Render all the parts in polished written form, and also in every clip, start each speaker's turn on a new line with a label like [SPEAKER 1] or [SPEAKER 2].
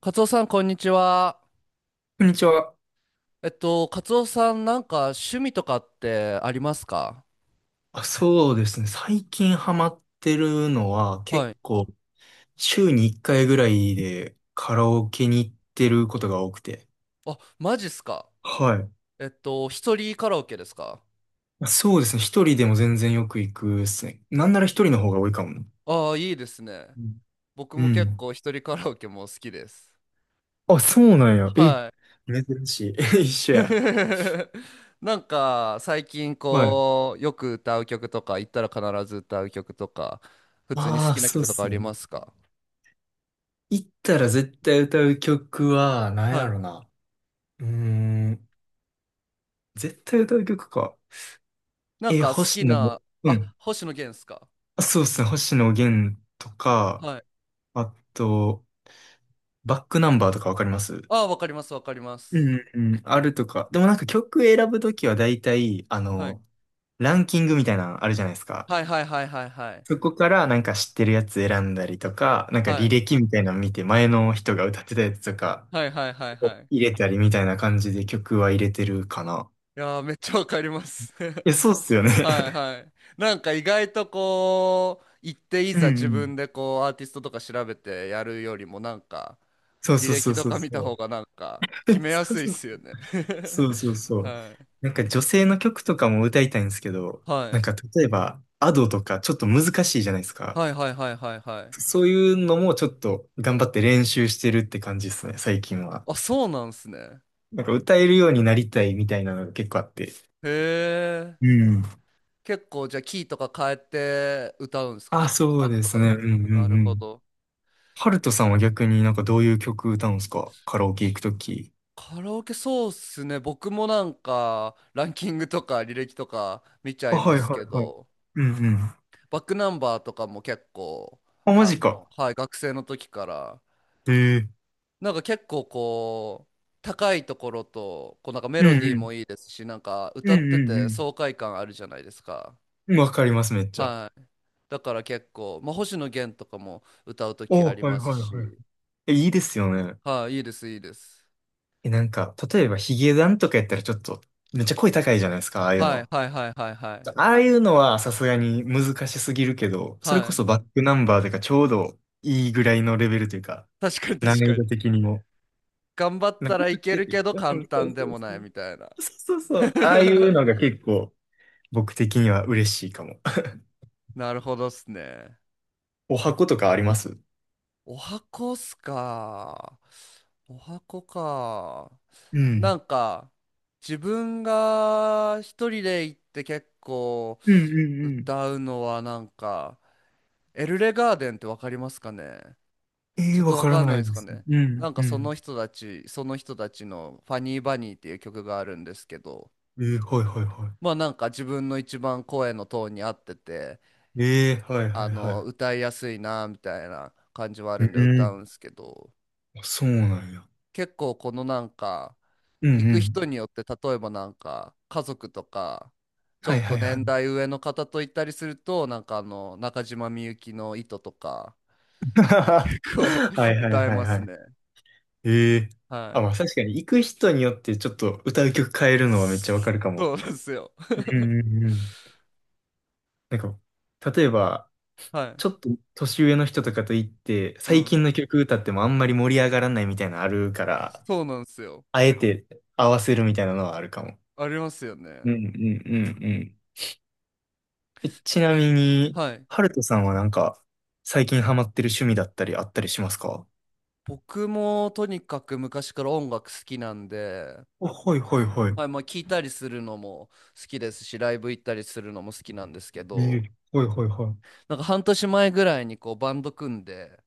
[SPEAKER 1] カツオさん、こんにちは。
[SPEAKER 2] こんにちは。
[SPEAKER 1] カツオさん、なんか趣味とかってありますか？
[SPEAKER 2] あ、そうですね。最近ハマってるのは
[SPEAKER 1] は
[SPEAKER 2] 結
[SPEAKER 1] い。
[SPEAKER 2] 構週に1回ぐらいでカラオケに行ってることが多くて。
[SPEAKER 1] あ、マジっすか？
[SPEAKER 2] はい。
[SPEAKER 1] 一人カラオケですか？
[SPEAKER 2] そうですね。一人でも全然よく行くですね。なんなら一人の方が多いかもな。
[SPEAKER 1] ああー、いいですね。
[SPEAKER 2] うん。
[SPEAKER 1] 僕
[SPEAKER 2] う
[SPEAKER 1] も結
[SPEAKER 2] ん。
[SPEAKER 1] 構一人カラオケも好きです。
[SPEAKER 2] あ、そうなんや。え、
[SPEAKER 1] はい。
[SPEAKER 2] 珍しい。一緒や。
[SPEAKER 1] なんか、最近
[SPEAKER 2] はい。
[SPEAKER 1] こう、よく歌う曲とか、行ったら必ず歌う曲とか、普通に好
[SPEAKER 2] ああ、
[SPEAKER 1] きな
[SPEAKER 2] そうっ
[SPEAKER 1] 曲とかあ
[SPEAKER 2] す
[SPEAKER 1] り
[SPEAKER 2] ね。
[SPEAKER 1] ますか？
[SPEAKER 2] 行ったら絶対歌う曲は、なん
[SPEAKER 1] は
[SPEAKER 2] や
[SPEAKER 1] い。
[SPEAKER 2] ろな。うーん。絶対歌う曲か。
[SPEAKER 1] なん
[SPEAKER 2] え、
[SPEAKER 1] か好き
[SPEAKER 2] 星野の、
[SPEAKER 1] な、
[SPEAKER 2] う
[SPEAKER 1] あ、
[SPEAKER 2] ん。
[SPEAKER 1] 星野源っすか？
[SPEAKER 2] そうですね。星野源とか、
[SPEAKER 1] はい。
[SPEAKER 2] あと、バックナンバーとかわかります？
[SPEAKER 1] ああ、わかります、わかりま
[SPEAKER 2] う
[SPEAKER 1] す。
[SPEAKER 2] んうん、あるとか。でもなんか曲選ぶときは大体、
[SPEAKER 1] はい
[SPEAKER 2] ランキングみたいなのあるじゃないですか。
[SPEAKER 1] はいはいはいはいはい。
[SPEAKER 2] そこからなんか知ってるやつ選んだりとか、なんか
[SPEAKER 1] は
[SPEAKER 2] 履
[SPEAKER 1] い
[SPEAKER 2] 歴みたいなの見て前の人が歌ってたやつとか
[SPEAKER 1] はいはいはいは
[SPEAKER 2] を
[SPEAKER 1] い。
[SPEAKER 2] 入
[SPEAKER 1] い
[SPEAKER 2] れたりみたいな感じで曲は入れてるかな。
[SPEAKER 1] やー、めっちゃわかります。
[SPEAKER 2] いや、そうっすよね。
[SPEAKER 1] はい はい。なんか意外とこう、行ってい
[SPEAKER 2] うん
[SPEAKER 1] ざ
[SPEAKER 2] う
[SPEAKER 1] 自分
[SPEAKER 2] ん。
[SPEAKER 1] で こう、アーティストとか調べてやるよりもなんか、
[SPEAKER 2] そう
[SPEAKER 1] 履
[SPEAKER 2] そうそ
[SPEAKER 1] 歴
[SPEAKER 2] う
[SPEAKER 1] と
[SPEAKER 2] そう
[SPEAKER 1] か見た
[SPEAKER 2] そ
[SPEAKER 1] 方
[SPEAKER 2] う。
[SPEAKER 1] がなんか、決 めや
[SPEAKER 2] そう
[SPEAKER 1] すいっ
[SPEAKER 2] そう
[SPEAKER 1] す
[SPEAKER 2] そう
[SPEAKER 1] よね。
[SPEAKER 2] そ うそうそう。
[SPEAKER 1] はい。
[SPEAKER 2] なんか女性の曲とかも歌いたいんですけど、
[SPEAKER 1] は
[SPEAKER 2] なん
[SPEAKER 1] い。
[SPEAKER 2] か例えば、アドとかちょっと難しいじゃないですか。
[SPEAKER 1] はいはいはいはいはい。
[SPEAKER 2] そういうのもちょっと頑張って練習してるって感じですね、最近は。
[SPEAKER 1] あ、そうなんすね。
[SPEAKER 2] なんか歌えるようになりたいみたいなのが結構あって。
[SPEAKER 1] へえ。
[SPEAKER 2] うん。
[SPEAKER 1] 結構じゃあキーとか変えて歌うんすか
[SPEAKER 2] あ、
[SPEAKER 1] ね。
[SPEAKER 2] そ
[SPEAKER 1] ア
[SPEAKER 2] う
[SPEAKER 1] ド
[SPEAKER 2] で
[SPEAKER 1] と
[SPEAKER 2] す
[SPEAKER 1] かだ
[SPEAKER 2] ね。
[SPEAKER 1] と。
[SPEAKER 2] うんう
[SPEAKER 1] な
[SPEAKER 2] ん
[SPEAKER 1] る
[SPEAKER 2] う
[SPEAKER 1] ほ
[SPEAKER 2] ん。
[SPEAKER 1] ど。
[SPEAKER 2] ハルトさんは逆になんかどういう曲歌うんですか、カラオケ行くとき。
[SPEAKER 1] カラオケそうっすね。僕もなんかランキングとか履歴とか見ちゃ
[SPEAKER 2] あ、
[SPEAKER 1] いま
[SPEAKER 2] はいは
[SPEAKER 1] すけ
[SPEAKER 2] いはい。
[SPEAKER 1] ど、
[SPEAKER 2] うんうん。
[SPEAKER 1] バックナンバーとかも結構、
[SPEAKER 2] あ、マジか。
[SPEAKER 1] はい、学生の時から、
[SPEAKER 2] へえ。
[SPEAKER 1] なんか結構こう、高いところと、こうなんかメ
[SPEAKER 2] うん
[SPEAKER 1] ロディー
[SPEAKER 2] うん。
[SPEAKER 1] もいいですし、なんか
[SPEAKER 2] う
[SPEAKER 1] 歌って
[SPEAKER 2] んう
[SPEAKER 1] て
[SPEAKER 2] ん
[SPEAKER 1] 爽快感あるじゃないですか。
[SPEAKER 2] うん。わかります、めっちゃ。
[SPEAKER 1] はい。だから結構、まあ、星野源とかも歌う時
[SPEAKER 2] お、
[SPEAKER 1] あり
[SPEAKER 2] はい
[SPEAKER 1] ま
[SPEAKER 2] は
[SPEAKER 1] す
[SPEAKER 2] いはい。
[SPEAKER 1] し、
[SPEAKER 2] え、いいですよね。
[SPEAKER 1] はい、いいです、いいです。
[SPEAKER 2] え、なんか、例えばヒゲダンとかやったらちょっと、めっちゃ声高いじゃないですか、ああいう
[SPEAKER 1] はい、
[SPEAKER 2] の。
[SPEAKER 1] はい、はい、はい、はい。
[SPEAKER 2] ああいうのはさすがに難しすぎるけど、それ
[SPEAKER 1] は
[SPEAKER 2] こ
[SPEAKER 1] い。
[SPEAKER 2] そバックナンバーとかちょうどいいぐらいのレベルというか、
[SPEAKER 1] 確かに
[SPEAKER 2] 難
[SPEAKER 1] 確
[SPEAKER 2] 易
[SPEAKER 1] か
[SPEAKER 2] 度
[SPEAKER 1] に。
[SPEAKER 2] 的にも。
[SPEAKER 1] 頑張っ
[SPEAKER 2] なん
[SPEAKER 1] た
[SPEAKER 2] か
[SPEAKER 1] ら
[SPEAKER 2] 歌
[SPEAKER 1] い
[SPEAKER 2] っ
[SPEAKER 1] け
[SPEAKER 2] て
[SPEAKER 1] る
[SPEAKER 2] て、
[SPEAKER 1] けど
[SPEAKER 2] う
[SPEAKER 1] 簡
[SPEAKER 2] ん、そう
[SPEAKER 1] 単
[SPEAKER 2] そ
[SPEAKER 1] で
[SPEAKER 2] う
[SPEAKER 1] もな
[SPEAKER 2] そ
[SPEAKER 1] い
[SPEAKER 2] う。
[SPEAKER 1] みたいな。
[SPEAKER 2] そうそうそう。ああいう のが結構僕的には嬉しいかも。
[SPEAKER 1] なるほどっすね。
[SPEAKER 2] お箱とかあります？
[SPEAKER 1] お箱っすか？お箱か。
[SPEAKER 2] う
[SPEAKER 1] な
[SPEAKER 2] ん。
[SPEAKER 1] んか、自分が一人で行って結構
[SPEAKER 2] うんうんうん。
[SPEAKER 1] 歌うのはなんか、エルレガーデンってわかりますかね？
[SPEAKER 2] ええ、
[SPEAKER 1] ちょっ
[SPEAKER 2] わ
[SPEAKER 1] とわ
[SPEAKER 2] から
[SPEAKER 1] かん
[SPEAKER 2] な
[SPEAKER 1] ない
[SPEAKER 2] い
[SPEAKER 1] です
[SPEAKER 2] で
[SPEAKER 1] か
[SPEAKER 2] す。
[SPEAKER 1] ね。
[SPEAKER 2] うん
[SPEAKER 1] なん
[SPEAKER 2] う
[SPEAKER 1] か
[SPEAKER 2] ん。
[SPEAKER 1] その人たちのファニーバニーっていう曲があるんですけど、
[SPEAKER 2] ええ、はいはいはい。
[SPEAKER 1] まあなんか自分の一番声のトーンに合ってて、
[SPEAKER 2] ええ、はい
[SPEAKER 1] あ
[SPEAKER 2] はい
[SPEAKER 1] の
[SPEAKER 2] は
[SPEAKER 1] 歌いやすいなみたいな感じはあ
[SPEAKER 2] い。
[SPEAKER 1] る
[SPEAKER 2] う
[SPEAKER 1] んで歌
[SPEAKER 2] ん。
[SPEAKER 1] うんですけど、
[SPEAKER 2] あ、そうなんや。
[SPEAKER 1] 結構このなんか
[SPEAKER 2] うん
[SPEAKER 1] 行
[SPEAKER 2] う
[SPEAKER 1] く人
[SPEAKER 2] ん。
[SPEAKER 1] によって例えばなんか家族とかちょ
[SPEAKER 2] はい
[SPEAKER 1] っ
[SPEAKER 2] は
[SPEAKER 1] と
[SPEAKER 2] いはい。
[SPEAKER 1] 年代上の方と行ったりするとなんかあの中島みゆきの「糸」とか こう
[SPEAKER 2] はい はい
[SPEAKER 1] 歌え
[SPEAKER 2] はい
[SPEAKER 1] ます
[SPEAKER 2] はい。
[SPEAKER 1] ね。
[SPEAKER 2] ええ。
[SPEAKER 1] は
[SPEAKER 2] あ、
[SPEAKER 1] い。
[SPEAKER 2] まあ確かに行く人によってちょっと歌う曲変えるのはめっちゃわかるかも。
[SPEAKER 1] そうなんですよ。
[SPEAKER 2] うんうんうん。なんか、例えば、
[SPEAKER 1] はい。
[SPEAKER 2] ちょっと年上の人とかと行って、
[SPEAKER 1] う
[SPEAKER 2] 最
[SPEAKER 1] ん。
[SPEAKER 2] 近の曲歌ってもあんまり盛り上がらないみたいなのあるから、
[SPEAKER 1] そうなんですよ。
[SPEAKER 2] あえて合わせるみたいなのはあるかも。
[SPEAKER 1] ありますよね。
[SPEAKER 2] うんうんうんうん。え、ちなみに、
[SPEAKER 1] はい。
[SPEAKER 2] ハルトさんはなんか、最近ハマってる趣味だったりあったりしますか？
[SPEAKER 1] 僕もとにかく昔から音楽好きなんで、
[SPEAKER 2] あ、はいはいはい。
[SPEAKER 1] はい、まあ聞いたりするのも好きですし、ライブ行ったりするのも好きなんですけ
[SPEAKER 2] え
[SPEAKER 1] ど、
[SPEAKER 2] え、はいはいは
[SPEAKER 1] なんか半年前ぐらいにこうバンド組んで、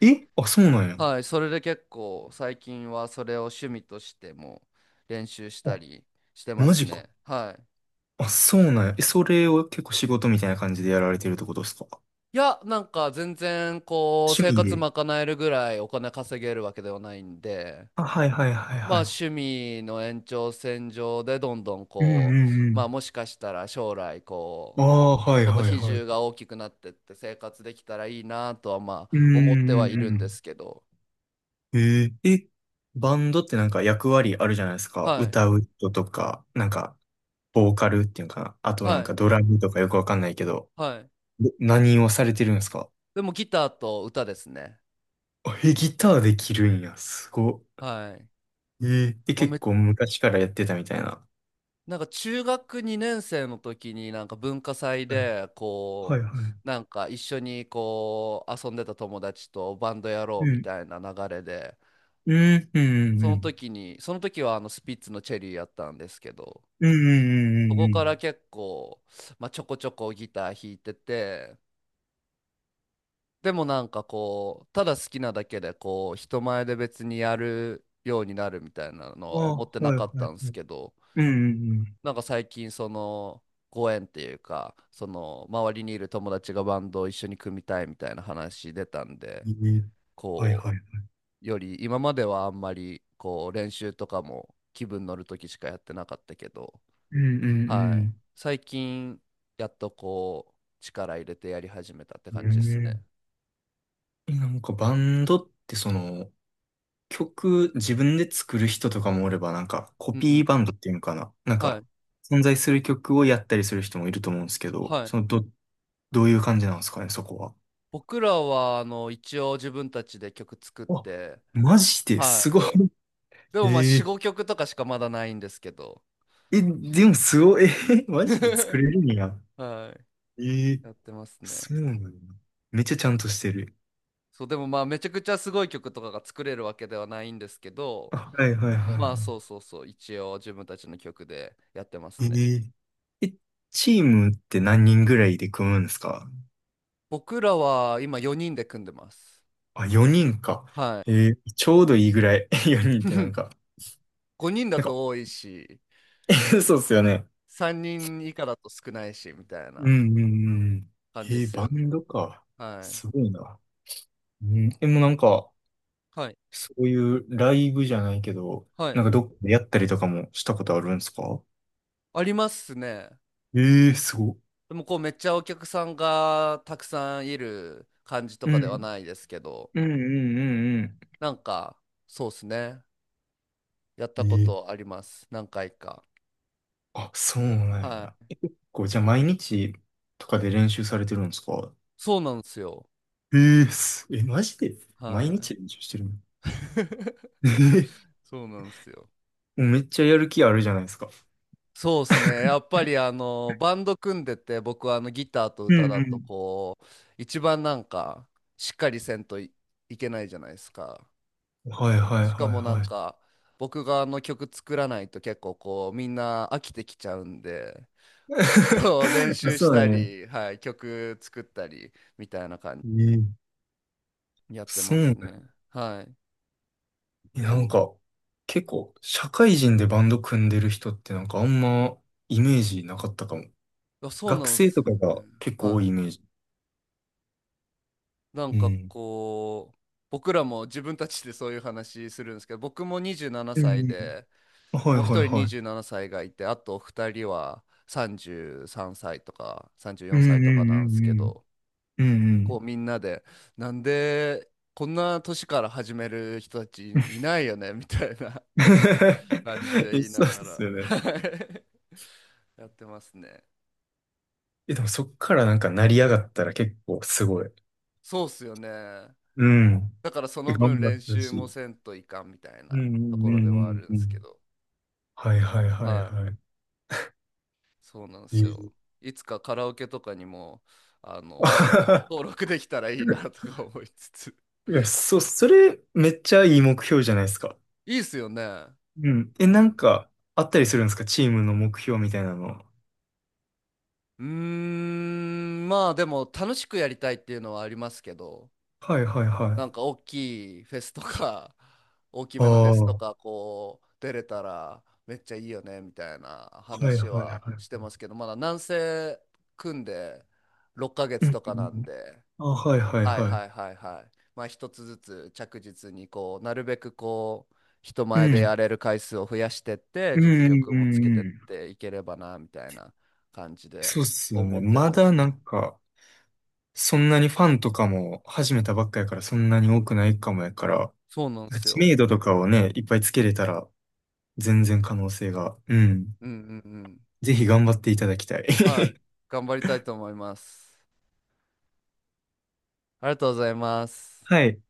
[SPEAKER 2] い。え、あ、そうなんや。
[SPEAKER 1] はい、それで結構最近はそれを趣味としても練習した
[SPEAKER 2] あ、
[SPEAKER 1] りしてま
[SPEAKER 2] マ
[SPEAKER 1] す
[SPEAKER 2] ジか。
[SPEAKER 1] ね。はい。
[SPEAKER 2] あ、そうなんや。え、それを結構仕事みたいな感じでやられてるってことですか、
[SPEAKER 1] いや、なんか全然こう
[SPEAKER 2] 趣
[SPEAKER 1] 生
[SPEAKER 2] 味
[SPEAKER 1] 活
[SPEAKER 2] で？
[SPEAKER 1] 賄えるぐらいお金稼げるわけではないんで、
[SPEAKER 2] あ、はいはいはい
[SPEAKER 1] まあ
[SPEAKER 2] は
[SPEAKER 1] 趣味の延長線上でどんどん
[SPEAKER 2] い。うん
[SPEAKER 1] こう、
[SPEAKER 2] う
[SPEAKER 1] まあ
[SPEAKER 2] ん
[SPEAKER 1] もしかしたら将来
[SPEAKER 2] う
[SPEAKER 1] こ
[SPEAKER 2] ん。ああ、はい
[SPEAKER 1] う、その
[SPEAKER 2] はい
[SPEAKER 1] 比
[SPEAKER 2] はい。
[SPEAKER 1] 重が大きくなってって生活できたらいいなとはま
[SPEAKER 2] うんう
[SPEAKER 1] あ思ってはい
[SPEAKER 2] んう
[SPEAKER 1] るんで
[SPEAKER 2] ん。
[SPEAKER 1] すけど。
[SPEAKER 2] ええ、え、バンドってなんか役割あるじゃないですか。
[SPEAKER 1] はい、
[SPEAKER 2] 歌う人とか、なんか、ボーカルっていうのかな。あとなん
[SPEAKER 1] は
[SPEAKER 2] か
[SPEAKER 1] い、
[SPEAKER 2] ドラムとかよくわかんないけど。
[SPEAKER 1] はい、
[SPEAKER 2] で、何をされてるんですか？
[SPEAKER 1] でもギターと歌ですね。
[SPEAKER 2] あ、え、ギターできるんや。すごっ。
[SPEAKER 1] はい。
[SPEAKER 2] ええ、で、
[SPEAKER 1] もう
[SPEAKER 2] 結
[SPEAKER 1] め、
[SPEAKER 2] 構昔からやってたみたいな。
[SPEAKER 1] なんか中学2年生の時になんか文化祭
[SPEAKER 2] はい、
[SPEAKER 1] で
[SPEAKER 2] はい、
[SPEAKER 1] こ
[SPEAKER 2] はい。
[SPEAKER 1] うなんか一緒にこう遊んでた友達とバンドやろう
[SPEAKER 2] う
[SPEAKER 1] み
[SPEAKER 2] ん
[SPEAKER 1] たいな流れで、
[SPEAKER 2] うん、うん、
[SPEAKER 1] そ
[SPEAKER 2] う
[SPEAKER 1] の
[SPEAKER 2] ん。
[SPEAKER 1] 時にその時はあのスピッツのチェリーやったんですけど、
[SPEAKER 2] うん、う
[SPEAKER 1] そ
[SPEAKER 2] ん、う
[SPEAKER 1] こ
[SPEAKER 2] ん。う
[SPEAKER 1] から
[SPEAKER 2] ん。
[SPEAKER 1] 結構、まあ、ちょこちょこギター弾いてて、でもなんかこう、ただ好きなだけでこう、人前で別にやるようになるみたいなの
[SPEAKER 2] あ
[SPEAKER 1] は思って
[SPEAKER 2] あ、
[SPEAKER 1] な
[SPEAKER 2] はい、
[SPEAKER 1] か
[SPEAKER 2] は
[SPEAKER 1] った
[SPEAKER 2] い。
[SPEAKER 1] んで
[SPEAKER 2] う
[SPEAKER 1] す
[SPEAKER 2] ん、
[SPEAKER 1] けど、
[SPEAKER 2] うん、うん。
[SPEAKER 1] なんか最近ご縁っていうか、周りにいる友達がバンドを一緒に組みたいみたいな話出たんで、
[SPEAKER 2] ええ、はい、
[SPEAKER 1] こ
[SPEAKER 2] はい。
[SPEAKER 1] う、より今まではあんまりこう、練習とかも気分乗るときしかやってなかったけど、
[SPEAKER 2] うん、う
[SPEAKER 1] はい。
[SPEAKER 2] ん、
[SPEAKER 1] 最近、やっとこう、力入れてやり始めたって
[SPEAKER 2] う
[SPEAKER 1] 感じで
[SPEAKER 2] ん。
[SPEAKER 1] す
[SPEAKER 2] う
[SPEAKER 1] ね。
[SPEAKER 2] ん、え、なんかバンドってその、曲自分で作る人とかもおれば、なんかコ
[SPEAKER 1] うんう
[SPEAKER 2] ピー
[SPEAKER 1] ん。
[SPEAKER 2] バンドっていうのかな。なん
[SPEAKER 1] は
[SPEAKER 2] か
[SPEAKER 1] い。
[SPEAKER 2] 存在する曲をやったりする人もいると思うんですけど、
[SPEAKER 1] はい。
[SPEAKER 2] どういう感じなんですかね、そこは。
[SPEAKER 1] 僕らは、一応自分たちで曲作っ
[SPEAKER 2] あ、
[SPEAKER 1] て、
[SPEAKER 2] マジで
[SPEAKER 1] は
[SPEAKER 2] す
[SPEAKER 1] い。
[SPEAKER 2] ごい。
[SPEAKER 1] でもまあ、
[SPEAKER 2] え
[SPEAKER 1] 4、
[SPEAKER 2] え。
[SPEAKER 1] 5曲とかしかまだないんですけど、
[SPEAKER 2] え、でもすごい、え、マジで作 れるんや。
[SPEAKER 1] はい。
[SPEAKER 2] ええ。
[SPEAKER 1] やってますね。
[SPEAKER 2] そうなんだ。めっちゃちゃんとしてる。
[SPEAKER 1] そう、でもまあ、めちゃくちゃすごい曲とかが作れるわけではないんですけど、
[SPEAKER 2] あ、はいはいはいは
[SPEAKER 1] まあ、そうそうそう、一応自分たちの曲でやってま
[SPEAKER 2] い。
[SPEAKER 1] すね。
[SPEAKER 2] えー、え、チームって何人ぐらいで組むんですか？
[SPEAKER 1] 僕らは今4人で組んでます。
[SPEAKER 2] あ、4人か。
[SPEAKER 1] はい。
[SPEAKER 2] えー、ちょうどいいぐらい。4人ってな んか、
[SPEAKER 1] 5人だ
[SPEAKER 2] なんか、
[SPEAKER 1] と多いし、
[SPEAKER 2] そうっすよね。
[SPEAKER 1] 3人以下だと少ないし、みたい
[SPEAKER 2] う
[SPEAKER 1] な
[SPEAKER 2] んうんうん。
[SPEAKER 1] 感
[SPEAKER 2] え
[SPEAKER 1] じで
[SPEAKER 2] ー、
[SPEAKER 1] す
[SPEAKER 2] バ
[SPEAKER 1] よね。
[SPEAKER 2] ンドか。
[SPEAKER 1] はい。
[SPEAKER 2] すごいな。うん、でもなんか、
[SPEAKER 1] はい。
[SPEAKER 2] そういうライブじゃないけど、
[SPEAKER 1] はい。
[SPEAKER 2] なんかどっかでやったりとかもしたことあるんですか？
[SPEAKER 1] ありますね。
[SPEAKER 2] ええー、すごい。
[SPEAKER 1] でもこうめっちゃお客さんがたくさんいる感じと
[SPEAKER 2] う
[SPEAKER 1] かでは
[SPEAKER 2] ん
[SPEAKER 1] ないですけど、
[SPEAKER 2] うんうんうん
[SPEAKER 1] なんかそうですね。やった
[SPEAKER 2] う
[SPEAKER 1] こ
[SPEAKER 2] ん。え
[SPEAKER 1] と
[SPEAKER 2] え、
[SPEAKER 1] あります。何回か。
[SPEAKER 2] あ、そうなん
[SPEAKER 1] は
[SPEAKER 2] や。
[SPEAKER 1] い。
[SPEAKER 2] え、結構、じゃあ毎日とかで練習されてるんですか？
[SPEAKER 1] そうなんですよ。
[SPEAKER 2] ええ、す。え、マジで毎
[SPEAKER 1] は
[SPEAKER 2] 日練習してるの？
[SPEAKER 1] い。
[SPEAKER 2] ええ。
[SPEAKER 1] そうなんですよ。
[SPEAKER 2] もうめっちゃやる気あるじゃないですか。
[SPEAKER 1] そうですね。やっぱりあのバンド組んでて僕はあのギターと
[SPEAKER 2] う
[SPEAKER 1] 歌だと
[SPEAKER 2] ん
[SPEAKER 1] こう一番なんかしっかりせんとい、いけないじゃないですか。
[SPEAKER 2] うん。はいはい
[SPEAKER 1] しか
[SPEAKER 2] はい
[SPEAKER 1] もなん
[SPEAKER 2] はい。
[SPEAKER 1] か僕があの曲作らないと結構こうみんな飽きてきちゃうんで。こう練
[SPEAKER 2] あ、
[SPEAKER 1] 習し
[SPEAKER 2] そうだ
[SPEAKER 1] た
[SPEAKER 2] ね。
[SPEAKER 1] り、はい、曲作ったりみたいな感
[SPEAKER 2] ええ、
[SPEAKER 1] じやって
[SPEAKER 2] そう
[SPEAKER 1] ま
[SPEAKER 2] だよ
[SPEAKER 1] す
[SPEAKER 2] ね。
[SPEAKER 1] ね。はい。
[SPEAKER 2] え、なんか、結構、社会人でバンド組んでる人ってなんかあんまイメージなかったかも。
[SPEAKER 1] あ、そう
[SPEAKER 2] 学
[SPEAKER 1] なんで
[SPEAKER 2] 生
[SPEAKER 1] す
[SPEAKER 2] と
[SPEAKER 1] よ
[SPEAKER 2] か
[SPEAKER 1] ね。
[SPEAKER 2] が結構多いイ
[SPEAKER 1] は
[SPEAKER 2] メージ。
[SPEAKER 1] い。なん
[SPEAKER 2] う
[SPEAKER 1] か
[SPEAKER 2] ん。
[SPEAKER 1] こう、僕らも自分たちでそういう話するんですけど、僕も27
[SPEAKER 2] うん
[SPEAKER 1] 歳
[SPEAKER 2] う
[SPEAKER 1] で、
[SPEAKER 2] ん。はい
[SPEAKER 1] もう
[SPEAKER 2] は
[SPEAKER 1] 一
[SPEAKER 2] い
[SPEAKER 1] 人
[SPEAKER 2] はい。
[SPEAKER 1] 27歳がいて、あと二人は33歳とか34
[SPEAKER 2] う
[SPEAKER 1] 歳とか
[SPEAKER 2] んう
[SPEAKER 1] な
[SPEAKER 2] ん
[SPEAKER 1] んですけど、
[SPEAKER 2] うんうん。う
[SPEAKER 1] こ
[SPEAKER 2] ん
[SPEAKER 1] うみんなで、なんでこんな年から始める人たちいないよねみたいな感じで
[SPEAKER 2] う
[SPEAKER 1] 言
[SPEAKER 2] ん。
[SPEAKER 1] いな
[SPEAKER 2] そうっ
[SPEAKER 1] がら
[SPEAKER 2] すよね。
[SPEAKER 1] やってますね。
[SPEAKER 2] え、でもそっからなんか成り上がったら結構すごい。
[SPEAKER 1] そうっすよね。
[SPEAKER 2] うん。
[SPEAKER 1] だからそ
[SPEAKER 2] え、
[SPEAKER 1] の
[SPEAKER 2] 頑
[SPEAKER 1] 分
[SPEAKER 2] 張っ
[SPEAKER 1] 練
[SPEAKER 2] てほ
[SPEAKER 1] 習
[SPEAKER 2] し
[SPEAKER 1] も
[SPEAKER 2] い。
[SPEAKER 1] せんといかんみたい
[SPEAKER 2] う
[SPEAKER 1] な
[SPEAKER 2] んう
[SPEAKER 1] と
[SPEAKER 2] ん
[SPEAKER 1] ころ
[SPEAKER 2] う
[SPEAKER 1] ではあ
[SPEAKER 2] ん
[SPEAKER 1] るん
[SPEAKER 2] う
[SPEAKER 1] で
[SPEAKER 2] んう
[SPEAKER 1] すけ
[SPEAKER 2] ん。
[SPEAKER 1] ど、
[SPEAKER 2] はいはいはい
[SPEAKER 1] はい、
[SPEAKER 2] はい。
[SPEAKER 1] そうなんで
[SPEAKER 2] い
[SPEAKER 1] すよ。
[SPEAKER 2] い。
[SPEAKER 1] いつかカラオケとかにも、あの、登録できたらいいなと か思いつつ。
[SPEAKER 2] いや、それめっちゃいい目標じゃないですか。
[SPEAKER 1] いいっすよね。
[SPEAKER 2] うん。え、
[SPEAKER 1] う
[SPEAKER 2] なん
[SPEAKER 1] ん。
[SPEAKER 2] かあったりするんですか、チームの目標みたいなの。
[SPEAKER 1] うーん、まあでも楽しくやりたいっていうのはありますけど、
[SPEAKER 2] はいはいは
[SPEAKER 1] なん
[SPEAKER 2] い。
[SPEAKER 1] か大きいフェスとか、大き
[SPEAKER 2] あ
[SPEAKER 1] めのフェ
[SPEAKER 2] あ、
[SPEAKER 1] スと
[SPEAKER 2] は
[SPEAKER 1] か、こう、出れたらめっちゃいいよね、みたいな
[SPEAKER 2] いはい
[SPEAKER 1] 話
[SPEAKER 2] は
[SPEAKER 1] はし
[SPEAKER 2] い。
[SPEAKER 1] てますけど、まだ南西組んで6ヶ
[SPEAKER 2] う
[SPEAKER 1] 月
[SPEAKER 2] ん
[SPEAKER 1] と
[SPEAKER 2] う
[SPEAKER 1] かな
[SPEAKER 2] んう
[SPEAKER 1] ん
[SPEAKER 2] ん。
[SPEAKER 1] で、
[SPEAKER 2] あ、はいはい
[SPEAKER 1] はい
[SPEAKER 2] はい。
[SPEAKER 1] はいはいはい。まあ一つずつ着実にこう、なるべくこう、人
[SPEAKER 2] う
[SPEAKER 1] 前で
[SPEAKER 2] ん。
[SPEAKER 1] やれる回数を増やしてって、
[SPEAKER 2] うん
[SPEAKER 1] 実
[SPEAKER 2] うんう
[SPEAKER 1] 力もつけ
[SPEAKER 2] ん
[SPEAKER 1] てっ
[SPEAKER 2] うん。
[SPEAKER 1] ていければな、みたいな感じで
[SPEAKER 2] そうっすよ
[SPEAKER 1] 思
[SPEAKER 2] ね。
[SPEAKER 1] って
[SPEAKER 2] ま
[SPEAKER 1] ま
[SPEAKER 2] だ
[SPEAKER 1] す。
[SPEAKER 2] なんか、そんなにファンとかも始めたばっかやからそんなに多くないかもやから、
[SPEAKER 1] そうなんです
[SPEAKER 2] 知
[SPEAKER 1] よ。
[SPEAKER 2] 名度とかをね、いっぱいつけれたら全然可能性が。うん。
[SPEAKER 1] うんうんうん。
[SPEAKER 2] ぜひ頑張っていただきたい。
[SPEAKER 1] はい。頑張りたいと思います。ありがとうございます。
[SPEAKER 2] はい。